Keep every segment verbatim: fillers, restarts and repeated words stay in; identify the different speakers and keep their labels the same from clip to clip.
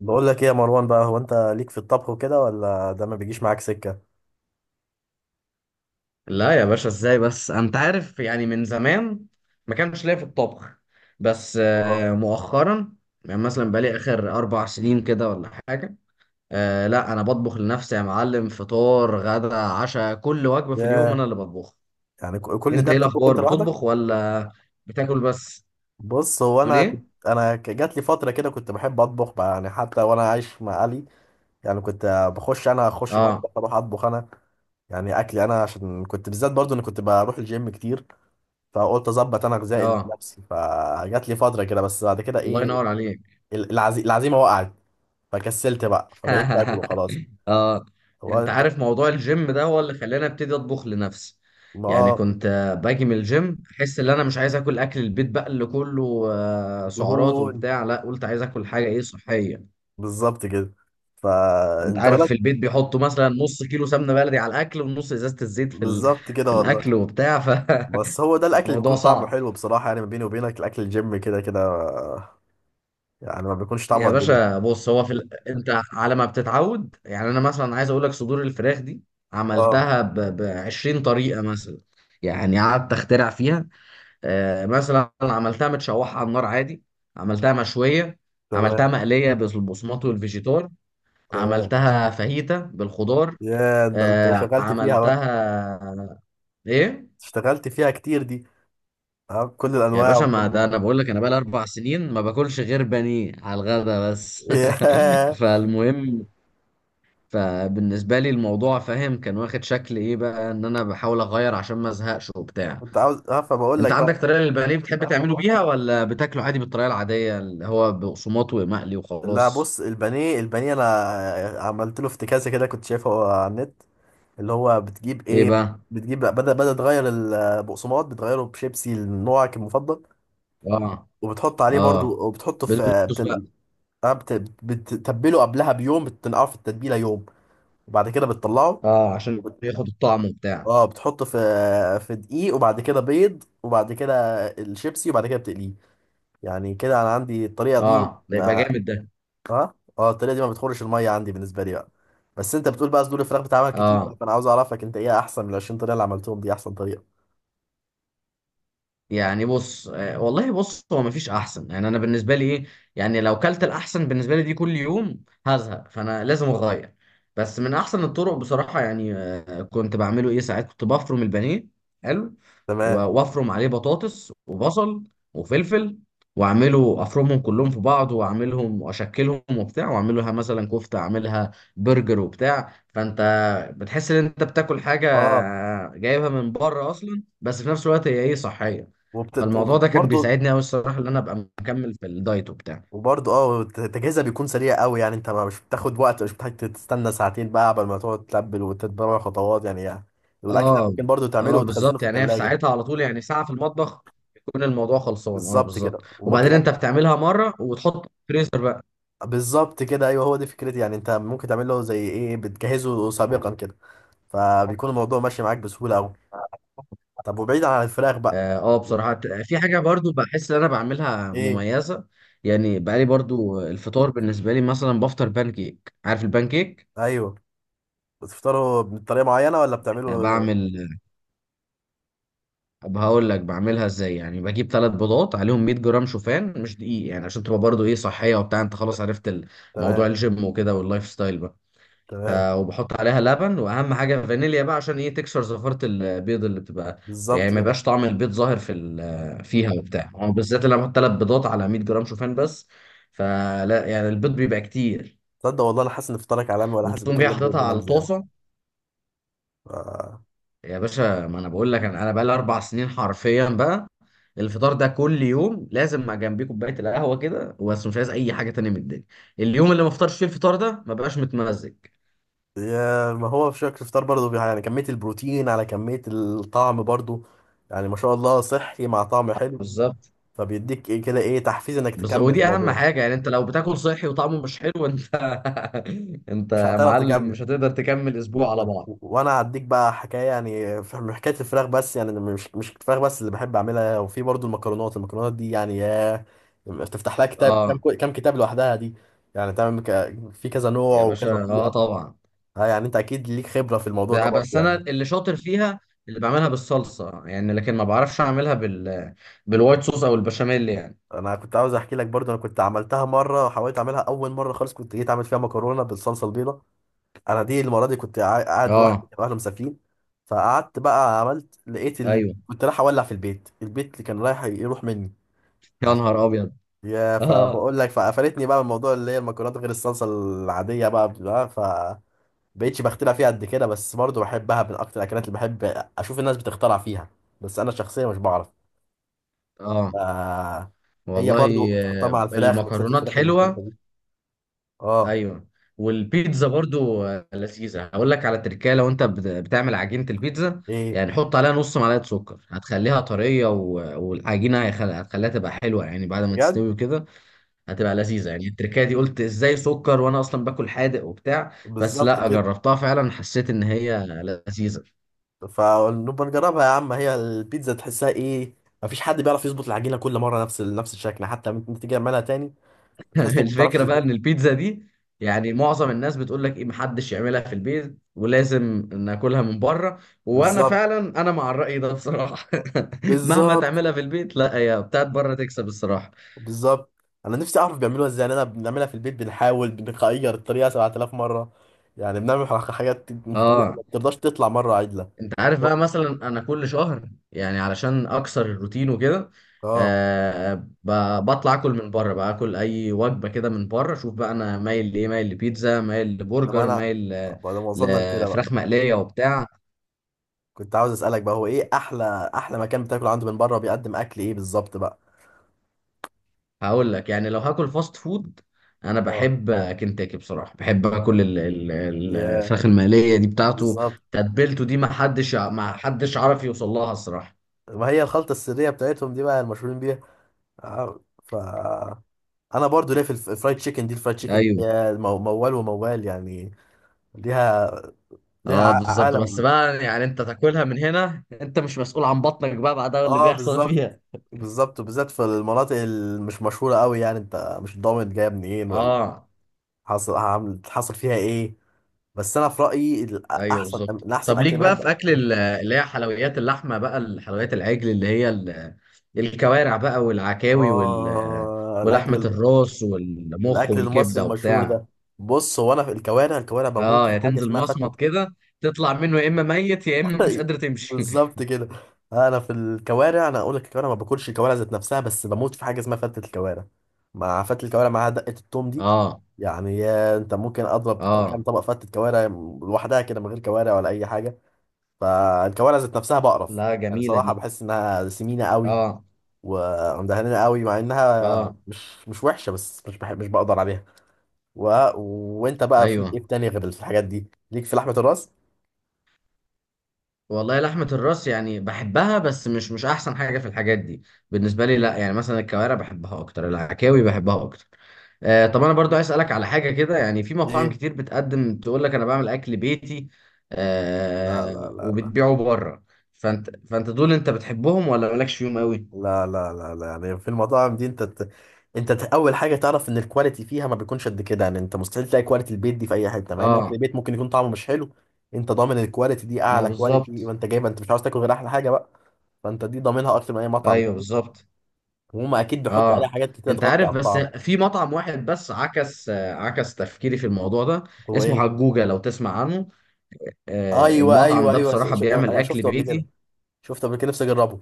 Speaker 1: بقول لك ايه يا مروان بقى؟ هو انت ليك في الطبخ وكده، ولا ده ما بيجيش معاك سكه؟
Speaker 2: لا يا باشا، ازاي؟ بس انت عارف، يعني من زمان ما كانش ليا في الطبخ، بس
Speaker 1: اه.
Speaker 2: آه، مؤخرا. يعني مثلا بقالي اخر اربع سنين كده، ولا حاجة. آه، لا، انا بطبخ لنفسي يا معلم. فطار غدا عشاء، كل وجبة في اليوم
Speaker 1: ياه.
Speaker 2: انا اللي بطبخها.
Speaker 1: يعني ك- كل
Speaker 2: انت
Speaker 1: ده
Speaker 2: ايه
Speaker 1: بتطبخ
Speaker 2: الاخبار؟
Speaker 1: انت لوحدك؟
Speaker 2: بتطبخ ولا بتاكل بس؟
Speaker 1: بص، هو
Speaker 2: تقول
Speaker 1: انا كنت،
Speaker 2: ايه؟
Speaker 1: انا ك- جات لي فتره كده كنت بحب اطبخ بقى، يعني حتى وانا عايش مع اهلي. يعني كنت بخش، انا اخش
Speaker 2: اه.
Speaker 1: المطبخ اروح اطبخ انا، يعني اكلي انا، عشان كنت بالذات برضو انا كنت بروح الجيم كتير، فقلت اظبط انا غذائي
Speaker 2: اه،
Speaker 1: لنفسي. فجات لي فتره كده، بس بعد كده
Speaker 2: الله
Speaker 1: ايه،
Speaker 2: ينور عليك.
Speaker 1: ال- العزي... العزيمه وقعت فكسلت بقى، فبقيت باكل وخلاص.
Speaker 2: اه.
Speaker 1: هو
Speaker 2: انت
Speaker 1: انت.
Speaker 2: عارف، موضوع الجيم ده هو اللي خلاني ابتدي اطبخ لنفسي.
Speaker 1: ما
Speaker 2: يعني
Speaker 1: آه،
Speaker 2: كنت آه، باجي من الجيم، احس ان انا مش عايز اكل اكل البيت بقى اللي كله آه، سعرات
Speaker 1: دهون.
Speaker 2: وبتاع. لا، قلت عايز اكل حاجه ايه صحيه.
Speaker 1: بالظبط كده.
Speaker 2: انت
Speaker 1: فانت
Speaker 2: عارف،
Speaker 1: بدأت.
Speaker 2: في البيت بيحطوا مثلا نص كيلو سمنه بلدي على الاكل، ونص ازازه الزيت في ال...
Speaker 1: بالظبط كده
Speaker 2: في
Speaker 1: والله.
Speaker 2: الاكل وبتاع. فالموضوع
Speaker 1: بس هو ده الاكل اللي بيكون طعمه
Speaker 2: صعب.
Speaker 1: حلو بصراحه، يعني ما بيني وبينك الاكل الجيم كده كده، يعني ما بيكونش طعمه
Speaker 2: يا
Speaker 1: قد كده.
Speaker 2: باشا بص، هو في ال... انت على ما بتتعود يعني. انا مثلا عايز اقول لك، صدور الفراخ دي
Speaker 1: اه.
Speaker 2: عملتها ب... ب عشرين طريقه مثلا. يعني قعدت اخترع فيها. آه، مثلا عملتها متشوحة على النار عادي. عملتها مشوية. عملتها
Speaker 1: تمام.
Speaker 2: مقلية بالبصمات والفيجيتار.
Speaker 1: تمام.
Speaker 2: عملتها فاهيتا بالخضار.
Speaker 1: يا ده انت
Speaker 2: آه،
Speaker 1: شغلت فيها بقى.
Speaker 2: عملتها. ايه؟
Speaker 1: اشتغلت فيها كتير دي. اه بكل
Speaker 2: يا
Speaker 1: الانواع
Speaker 2: باشا،
Speaker 1: وكل.
Speaker 2: ما ده انا بقول لك انا بقالي اربع سنين ما باكلش غير بانيه على الغدا بس.
Speaker 1: ياه.
Speaker 2: فالمهم. فبالنسبة لي الموضوع فاهم كان واخد شكل ايه بقى، ان انا بحاول اغير عشان ما ازهقش وبتاع.
Speaker 1: كنت عاوز اه فبقول
Speaker 2: انت
Speaker 1: لك
Speaker 2: عندك
Speaker 1: بقى،
Speaker 2: طريقه للبانيه بتحب تعمله بيها، ولا بتاكله عادي بالطريقه العاديه اللي هو بقسماط ومقلي
Speaker 1: لا
Speaker 2: وخلاص؟
Speaker 1: بص، البانيه، البانيه انا عملت له افتكاسه كده، كنت شايفها على النت، اللي هو بتجيب
Speaker 2: ايه
Speaker 1: ايه،
Speaker 2: بقى؟
Speaker 1: بتجيب بدل، بدل تغير البقسماط، بتغيره بشيبسي نوعك المفضل،
Speaker 2: اه.
Speaker 1: وبتحط عليه برضو،
Speaker 2: اه،
Speaker 1: وبتحطه في
Speaker 2: بدوريتوس بقى.
Speaker 1: بتن... آه، بت... بتتبله قبلها بيوم، بتنقعه في التتبيله يوم، وبعد كده بتطلعه،
Speaker 2: اه، عشان
Speaker 1: وبت...
Speaker 2: ياخد الطعم وبتاع.
Speaker 1: اه بتحطه في في دقيق، وبعد كده بيض، وبعد كده الشيبسي، وبعد كده بتقليه. يعني كده انا عندي الطريقه دي
Speaker 2: اه، ده يبقى
Speaker 1: ما...
Speaker 2: جامد ده.
Speaker 1: اه اه الطريقه دي ما بتخرش الميه عندي بالنسبه لي بقى. بس انت بتقول بقى صدور الفراخ بتعمل كتير،
Speaker 2: اه.
Speaker 1: فانا عاوز اعرفك انت ايه احسن من ال عشرين طريقه اللي عملتهم دي، احسن طريقه.
Speaker 2: يعني بص، آه، والله بص، هو مفيش احسن يعني انا بالنسبه لي. ايه؟ يعني لو كلت الاحسن بالنسبه لي دي كل يوم هزهق، فانا لازم اغير. بس من احسن الطرق بصراحه، يعني آه، كنت بعمله ايه ساعات. كنت بفرم البانيه. حلو. و-
Speaker 1: تمام.
Speaker 2: وافرم عليه بطاطس وبصل وفلفل. واعمله، افرمهم كلهم في بعض، واعملهم واشكلهم وبتاع، واعملها مثلا كفته، اعملها برجر وبتاع. فانت بتحس ان انت بتاكل حاجه
Speaker 1: اه.
Speaker 2: آه، جايبها من بره اصلا، بس في نفس الوقت هي ايه صحيه.
Speaker 1: وبتت...
Speaker 2: فالموضوع ده كان
Speaker 1: وبرضه،
Speaker 2: بيساعدني قوي الصراحه، ان انا ابقى مكمل في الدايت وبتاع.
Speaker 1: وبرضه اه تجهيزها بيكون سريع قوي، يعني انت ما- مش بتاخد وقت، مش بتحتاج تستنى ساعتين بقى قبل ما تقعد تلبل وتتبع خطوات، يعني, يعني والاكل ده
Speaker 2: اه.
Speaker 1: ممكن برضه تعمله
Speaker 2: اه
Speaker 1: وتخزنه
Speaker 2: بالظبط،
Speaker 1: في
Speaker 2: يعني هي في
Speaker 1: الثلاجه.
Speaker 2: ساعتها على طول، يعني ساعه في المطبخ يكون الموضوع خلصان. اه
Speaker 1: بالظبط
Speaker 2: بالظبط،
Speaker 1: كده
Speaker 2: وبعدين
Speaker 1: وممكن
Speaker 2: انت
Speaker 1: أك...
Speaker 2: بتعملها مره وتحط في الفريزر بقى.
Speaker 1: بالظبط كده، ايوه هو دي فكرتي، يعني انت ممكن تعمل له زي ايه، بتجهزه سابقا كده، فبيكون الموضوع ماشي معاك بسهوله قوي. طب وبعيد عن الفراخ بقى،
Speaker 2: اه. آه، بصراحه، ت- في حاجه برضو بحس ان انا بعملها
Speaker 1: ايه؟
Speaker 2: مميزه. يعني بقالي برضو، الفطار بالنسبه لي مثلا بفطر بان كيك. عارف البان كيك؟
Speaker 1: ايوه، بتفطروا بطريقه معينه ولا
Speaker 2: آه،
Speaker 1: بتعملوا؟
Speaker 2: بعمل. طب هقول لك بعملها ازاي. يعني بجيب ثلاث بيضات عليهم مية جرام شوفان، مش دقيق يعني عشان تبقى برضو ايه صحيه وبتاع. انت خلاص عرفت ال- موضوع
Speaker 1: تمام.
Speaker 2: الجيم وكده واللايف ستايل بقى. ف...
Speaker 1: تمام.
Speaker 2: وبحط عليها لبن، واهم حاجه فانيليا بقى عشان ايه تكسر زفاره البيض اللي بتبقى.
Speaker 1: بالظبط
Speaker 2: يعني ما
Speaker 1: كده.
Speaker 2: يبقاش طعم البيض ظاهر في ال... فيها وبتاع. أو بالذات لما احط ثلاث بيضات على مية جرام شوفان بس. فلا يعني البيض بيبقى كتير.
Speaker 1: تصدق والله انا حاسس ان افطارك علامه، ولا حاسس
Speaker 2: وتقوم جاي
Speaker 1: بكلم بيقول
Speaker 2: حاططها على
Speaker 1: نمزي يعني.
Speaker 2: الطاسه.
Speaker 1: ف...
Speaker 2: يا باشا، ما انا بقول لك، انا انا بقى لي اربع سنين حرفيا بقى. الفطار ده كل يوم لازم مع جنبيه كوبايه القهوه كده، بس مش عايز اي حاجه تانية من الدنيا. اليوم اللي ما افطرش فيه الفطار ده ما بقاش متمزج.
Speaker 1: يا ما هو في شكل الفطار برضه، بي- يعني كميه البروتين على كميه الطعم برضه، يعني ما شاء الله صحي مع طعم حلو،
Speaker 2: بالظبط.
Speaker 1: فبيديك ايه كده، ايه تحفيز انك
Speaker 2: بس
Speaker 1: تكمل في
Speaker 2: ودي اهم
Speaker 1: الموضوع ده.
Speaker 2: حاجه، يعني انت لو بتاكل صحي وطعمه مش حلو، انت انت
Speaker 1: مش
Speaker 2: يا
Speaker 1: هتعرف
Speaker 2: معلم
Speaker 1: تكمل.
Speaker 2: مش هتقدر تكمل اسبوع على
Speaker 1: طب
Speaker 2: بعض.
Speaker 1: و- وانا هديك بقى حكايه، يعني في من حكايه الفراخ بس، يعني أنا مش مش الفراخ بس اللي بحب اعملها، وفي برضه المكرونات. المكرونات دي يعني يا، تفتح لها كتاب، كم
Speaker 2: اه.
Speaker 1: كم كتاب لوحدها دي، يعني تعمل ك- في كذا نوع
Speaker 2: يا
Speaker 1: وكذا
Speaker 2: باشا اه
Speaker 1: طريقه.
Speaker 2: طبعا.
Speaker 1: اه يعني انت اكيد ليك خبرة في الموضوع ده
Speaker 2: ب-
Speaker 1: برضه
Speaker 2: بس انا
Speaker 1: يعني.
Speaker 2: اللي شاطر فيها اللي بعملها بالصلصه يعني، لكن ما بعرفش اعملها بال بالوايت صوص او البشاميل يعني.
Speaker 1: انا كنت عاوز احكي لك برضه، انا كنت عملتها مرة، حاولت اعملها اول مرة خالص، كنت جيت اعمل فيها مكرونة بالصلصة البيضاء. انا دي المرة دي كنت قاع- قاعد لوحدي،
Speaker 2: اه.
Speaker 1: كانوا اهلي مسافرين، فقعدت بقى عملت لقيت ال...
Speaker 2: ايوه.
Speaker 1: كنت رايح اولع في البيت، البيت اللي كان رايح يروح مني
Speaker 2: يا
Speaker 1: عشان.
Speaker 2: نهار ابيض.
Speaker 1: يا
Speaker 2: اه.
Speaker 1: فبقول لك، فقفلتني بقى من موضوع اللي هي المكرونات غير الصلصة العادية بقى، بقى ف بقيتش بخترع فيها قد كده، بس برضه بحبها من اكتر الاكلات اللي بحب اشوف الناس بتخترع فيها، بس انا شخصيا مش بعرف.
Speaker 2: اه
Speaker 1: آه. هي برضو
Speaker 2: والله.
Speaker 1: بتحطها
Speaker 2: آه،
Speaker 1: مع الفراخ، ميكسات
Speaker 2: المكرونات
Speaker 1: الفراخ
Speaker 2: حلوة.
Speaker 1: المختلفة دي. اه.
Speaker 2: ايوه. والبيتزا برضو آه، لذيذة. هقول لك على تركاية، لو انت بت- بتعمل عجينة البيتزا،
Speaker 1: ايه؟
Speaker 2: يعني حط عليها نص معلقة سكر، هتخليها طرية. و- والعجينة هيخل- هتخليها تبقى حلوة يعني بعد ما
Speaker 1: بجد؟
Speaker 2: تستوي وكده. هتبقى لذيذة. يعني التركاية دي قلت ازاي سكر؟ وانا اصلا باكل حادق وبتاع. بس
Speaker 1: بالظبط
Speaker 2: لا،
Speaker 1: كده.
Speaker 2: جربتها فعلا حسيت ان هي لذيذة.
Speaker 1: فنبقى نجربها يا عم. هي البيتزا تحسها ايه، مفيش حد بيعرف يظبط العجينة كل مرة نفس ال- نفس الشكل. حتى لما تيجي تعملها تاني بتحس انك ما بتعرفش
Speaker 2: الفكرة بقى
Speaker 1: تظبطها.
Speaker 2: ان البيتزا دي، يعني معظم الناس بتقول لك ايه، محدش يعملها في البيت ولازم ناكلها من بره. وانا
Speaker 1: بالظبط.
Speaker 2: فعلا انا مع الرأي ده بصراحة. مهما
Speaker 1: بالظبط.
Speaker 2: تعملها في البيت، لا، هي بتاعت بره تكسب الصراحة.
Speaker 1: بالظبط انا نفسي اعرف بيعملوها ازاي، لأن انا بنعملها في البيت بنحاول بنغير الطريقة سبعة آلاف مرة، يعني بنعمل حاجات مختلفة
Speaker 2: اه.
Speaker 1: ما بترضاش تطلع مرة عدلة.
Speaker 2: انت عارف بقى، مثلا انا كل شهر يعني علشان اكسر الروتين وكده
Speaker 1: اه.
Speaker 2: آه ب- بطلع اكل من بره بقى، اكل اي وجبة كده من بره. شوف بقى انا مايل لايه، مايل لبيتزا، مايل
Speaker 1: طب
Speaker 2: لبرجر،
Speaker 1: انا
Speaker 2: مايل ل-
Speaker 1: بعد ما وصلنا لكده بقى،
Speaker 2: لفراخ مقلية وبتاع.
Speaker 1: كنت عاوز اسالك بقى، هو ايه احلى احلى مكان بتاكل عنده من بره، بيقدم اكل ايه بالظبط بقى؟
Speaker 2: هقول لك، يعني لو هاكل فاست فود، انا
Speaker 1: اه.
Speaker 2: بحب كنتاكي بصراحه. بحب اكل ال- ال- ال-
Speaker 1: ياه.
Speaker 2: الفراخ المقليه دي بتاعته.
Speaker 1: بالظبط.
Speaker 2: تتبيلته دي ما حدش ع- ما حدش عارف يوصل لها الصراحه.
Speaker 1: ما هي الخلطه السريه بتاعتهم دي بقى المشهورين بيها. آه، ف انا برضو ليا في الف- الفرايد تشيكن دي، الفرايد تشيكن دي
Speaker 2: ايوه.
Speaker 1: يا مو- موال وموال يعني، ليها، ليها
Speaker 2: اه
Speaker 1: ع-
Speaker 2: بالظبط. بس
Speaker 1: عالم.
Speaker 2: بقى يعني انت تاكلها من هنا، انت مش مسؤول عن بطنك بقى بعدها اللي
Speaker 1: اه
Speaker 2: بيحصل
Speaker 1: بالظبط.
Speaker 2: فيها.
Speaker 1: بالظبط، وبالذات في المناطق اللي مش مشهوره قوي، يعني انت مش ضامن جايه منين ولا
Speaker 2: اه،
Speaker 1: حصل عامل، حصل فيها ايه. بس انا في رايي،
Speaker 2: ايوه
Speaker 1: الاحسن،
Speaker 2: بالظبط.
Speaker 1: الاحسن
Speaker 2: طب ليك
Speaker 1: اكل
Speaker 2: بقى في
Speaker 1: بحب.
Speaker 2: اكل ال- اللي هي حلويات اللحمه بقى، الحلويات العجل، اللي هي ال- الكوارع بقى والعكاوي وال
Speaker 1: اه
Speaker 2: ولحمه
Speaker 1: الاكل،
Speaker 2: الراس والمخ
Speaker 1: الاكل المصري
Speaker 2: والكبده
Speaker 1: المشهور
Speaker 2: وبتاع؟
Speaker 1: ده. بص هو انا في الكوارع، الكوارع بموت
Speaker 2: اه،
Speaker 1: في
Speaker 2: يا
Speaker 1: حاجه
Speaker 2: تنزل
Speaker 1: اسمها
Speaker 2: مصمت
Speaker 1: فتة.
Speaker 2: كده تطلع منه، يا اما ميت يا اما مش قادر تمشي.
Speaker 1: بالظبط كده. انا في الكوارع، انا اقول لك الكوارع ما باكلش الكوارع ذات نفسها، بس بموت في حاجه اسمها فتة الكوارع، مع فتة الكوارع معاها دقه التوم دي.
Speaker 2: اه.
Speaker 1: يعني يا انت ممكن اضرب ط- كام
Speaker 2: اه،
Speaker 1: طبق فتة كوارع لوحدها كده من غير كوارع ولا اي حاجه. فالكوارع ذات نفسها بقرف،
Speaker 2: لا،
Speaker 1: يعني
Speaker 2: جميله
Speaker 1: صراحه
Speaker 2: دي.
Speaker 1: بحس انها سمينه قوي
Speaker 2: اه.
Speaker 1: ومدهنه قوي، مع انها
Speaker 2: اه.
Speaker 1: مش مش وحشه، بس مش بحب، مش بقدر عليها و... وانت بقى
Speaker 2: ايوه
Speaker 1: فيك ايه تاني غير الحاجات دي، ليك في لحمة الراس؟
Speaker 2: والله، لحمه الراس يعني بحبها بس مش مش احسن حاجه في الحاجات دي. بالنسبه لي لا، يعني مثلا الكوارع بحبها اكتر، العكاوي بحبها اكتر. آه طب انا برضو عايز اسالك على حاجه كده. يعني في مطاعم
Speaker 1: ايه؟
Speaker 2: كتير بتقدم تقول لك انا بعمل اكل بيتي
Speaker 1: لا لا
Speaker 2: آه
Speaker 1: لا
Speaker 2: وبتبيعه بره. فانت فانت دول، انت بتحبهم ولا مالكش فيهم قوي؟
Speaker 1: لا لا لا لا لا يعني في المطاعم دي انت ت... انت ت... اول حاجة تعرف ان الكواليتي فيها ما بيكونش قد كده، يعني انت مستحيل تلاقي كواليتي البيت دي في اي حتة، مع ان اكل
Speaker 2: اه.
Speaker 1: البيت ممكن يكون طعمه مش حلو، انت ضامن الكواليتي دي
Speaker 2: ما
Speaker 1: اعلى كواليتي،
Speaker 2: بالظبط.
Speaker 1: وانت جايبها انت مش عاوز تاكل غير احلى حاجة بقى. فانت دي ضامنها اكتر من اي مطعم
Speaker 2: ايوه
Speaker 1: تاني،
Speaker 2: بالظبط.
Speaker 1: وهم اكيد بيحطوا عليها
Speaker 2: اه.
Speaker 1: حاجات كتير
Speaker 2: انت
Speaker 1: تغطي
Speaker 2: عارف،
Speaker 1: على
Speaker 2: بس
Speaker 1: الطعم.
Speaker 2: في مطعم واحد بس عكس آه، عكس تفكيري في الموضوع ده.
Speaker 1: هو
Speaker 2: اسمه
Speaker 1: ايه؟
Speaker 2: حجوجة، لو تسمع عنه. آه،
Speaker 1: ايوه
Speaker 2: المطعم
Speaker 1: ايوه
Speaker 2: ده
Speaker 1: ايوه.
Speaker 2: بصراحة
Speaker 1: ش...
Speaker 2: بيعمل
Speaker 1: انا
Speaker 2: اكل
Speaker 1: شفته قبل كده،
Speaker 2: بيتي.
Speaker 1: شفته قبل كده نفسي اجربه.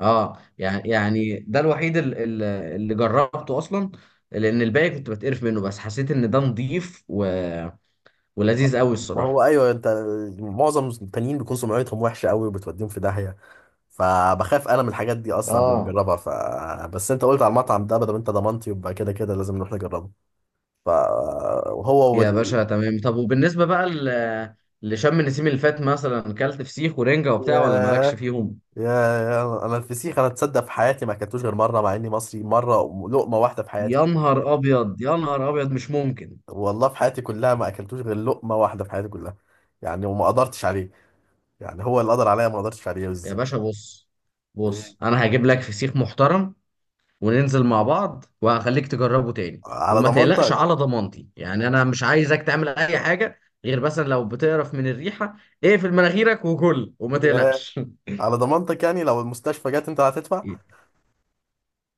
Speaker 2: اه. يعني يعني ده الوحيد ال- ال- اللي جربته اصلا. لان الباقي كنت بتقرف منه، بس حسيت ان ده نضيف و... ولذيذ قوي
Speaker 1: ما هو
Speaker 2: الصراحة.
Speaker 1: ايوه انت، معظم التانيين بيكون سمعتهم وحشه قوي وبتوديهم في داهيه، فبخاف انا من الحاجات دي اصلا قبل ما
Speaker 2: اه
Speaker 1: اجربها. ف بس انت قلت على المطعم ده، بدل انت ضمنتي يبقى كده كده لازم نروح نجربه. ف وهو
Speaker 2: يا
Speaker 1: وال
Speaker 2: باشا تمام. طب وبالنسبة بقى ل... لشم النسيم اللي فات، مثلا كلت فسيخ ورنجة وبتاع ولا مالكش
Speaker 1: ياه.
Speaker 2: فيهم؟
Speaker 1: يا يا، انا الفسيخ انا تصدق في حياتي ما اكلتوش غير مره، مع اني مصري، مره، لقمه واحده في حياتي.
Speaker 2: يا نهار ابيض، يا نهار ابيض، مش ممكن.
Speaker 1: والله في حياتي كلها ما اكلتوش غير لقمه واحده في حياتي كلها، يعني وما قدرتش عليه، يعني هو اللي قدر عليا ما قدرتش عليه
Speaker 2: يا
Speaker 1: بس-
Speaker 2: باشا، بص بص، انا هجيب لك فسيخ محترم. وننزل مع بعض وهخليك تجربه تاني،
Speaker 1: على
Speaker 2: وما تقلقش
Speaker 1: ضمانتك.
Speaker 2: على ضمانتي. يعني انا مش عايزك تعمل اي حاجه غير مثلا لو بتقرف من الريحه، اقفل مناخيرك وكل وما
Speaker 1: ياه.
Speaker 2: تقلقش.
Speaker 1: على ضمانتك يعني؟ لو المستشفى جت انت هتدفع.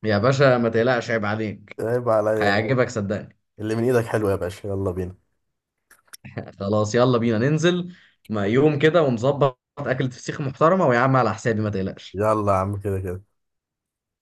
Speaker 2: يا باشا ما تقلقش، عيب عليك.
Speaker 1: عيب عليا.
Speaker 2: هيعجبك، صدقني.
Speaker 1: اللي من ايدك حلو يا باشا، يلا بينا.
Speaker 2: خلاص، يلا بينا ننزل. ما يوم كده ونظبط اكلة فسيخ محترمه، ويا عم على حسابي، ما تقلقش.
Speaker 1: يلا يا عم، كده كده.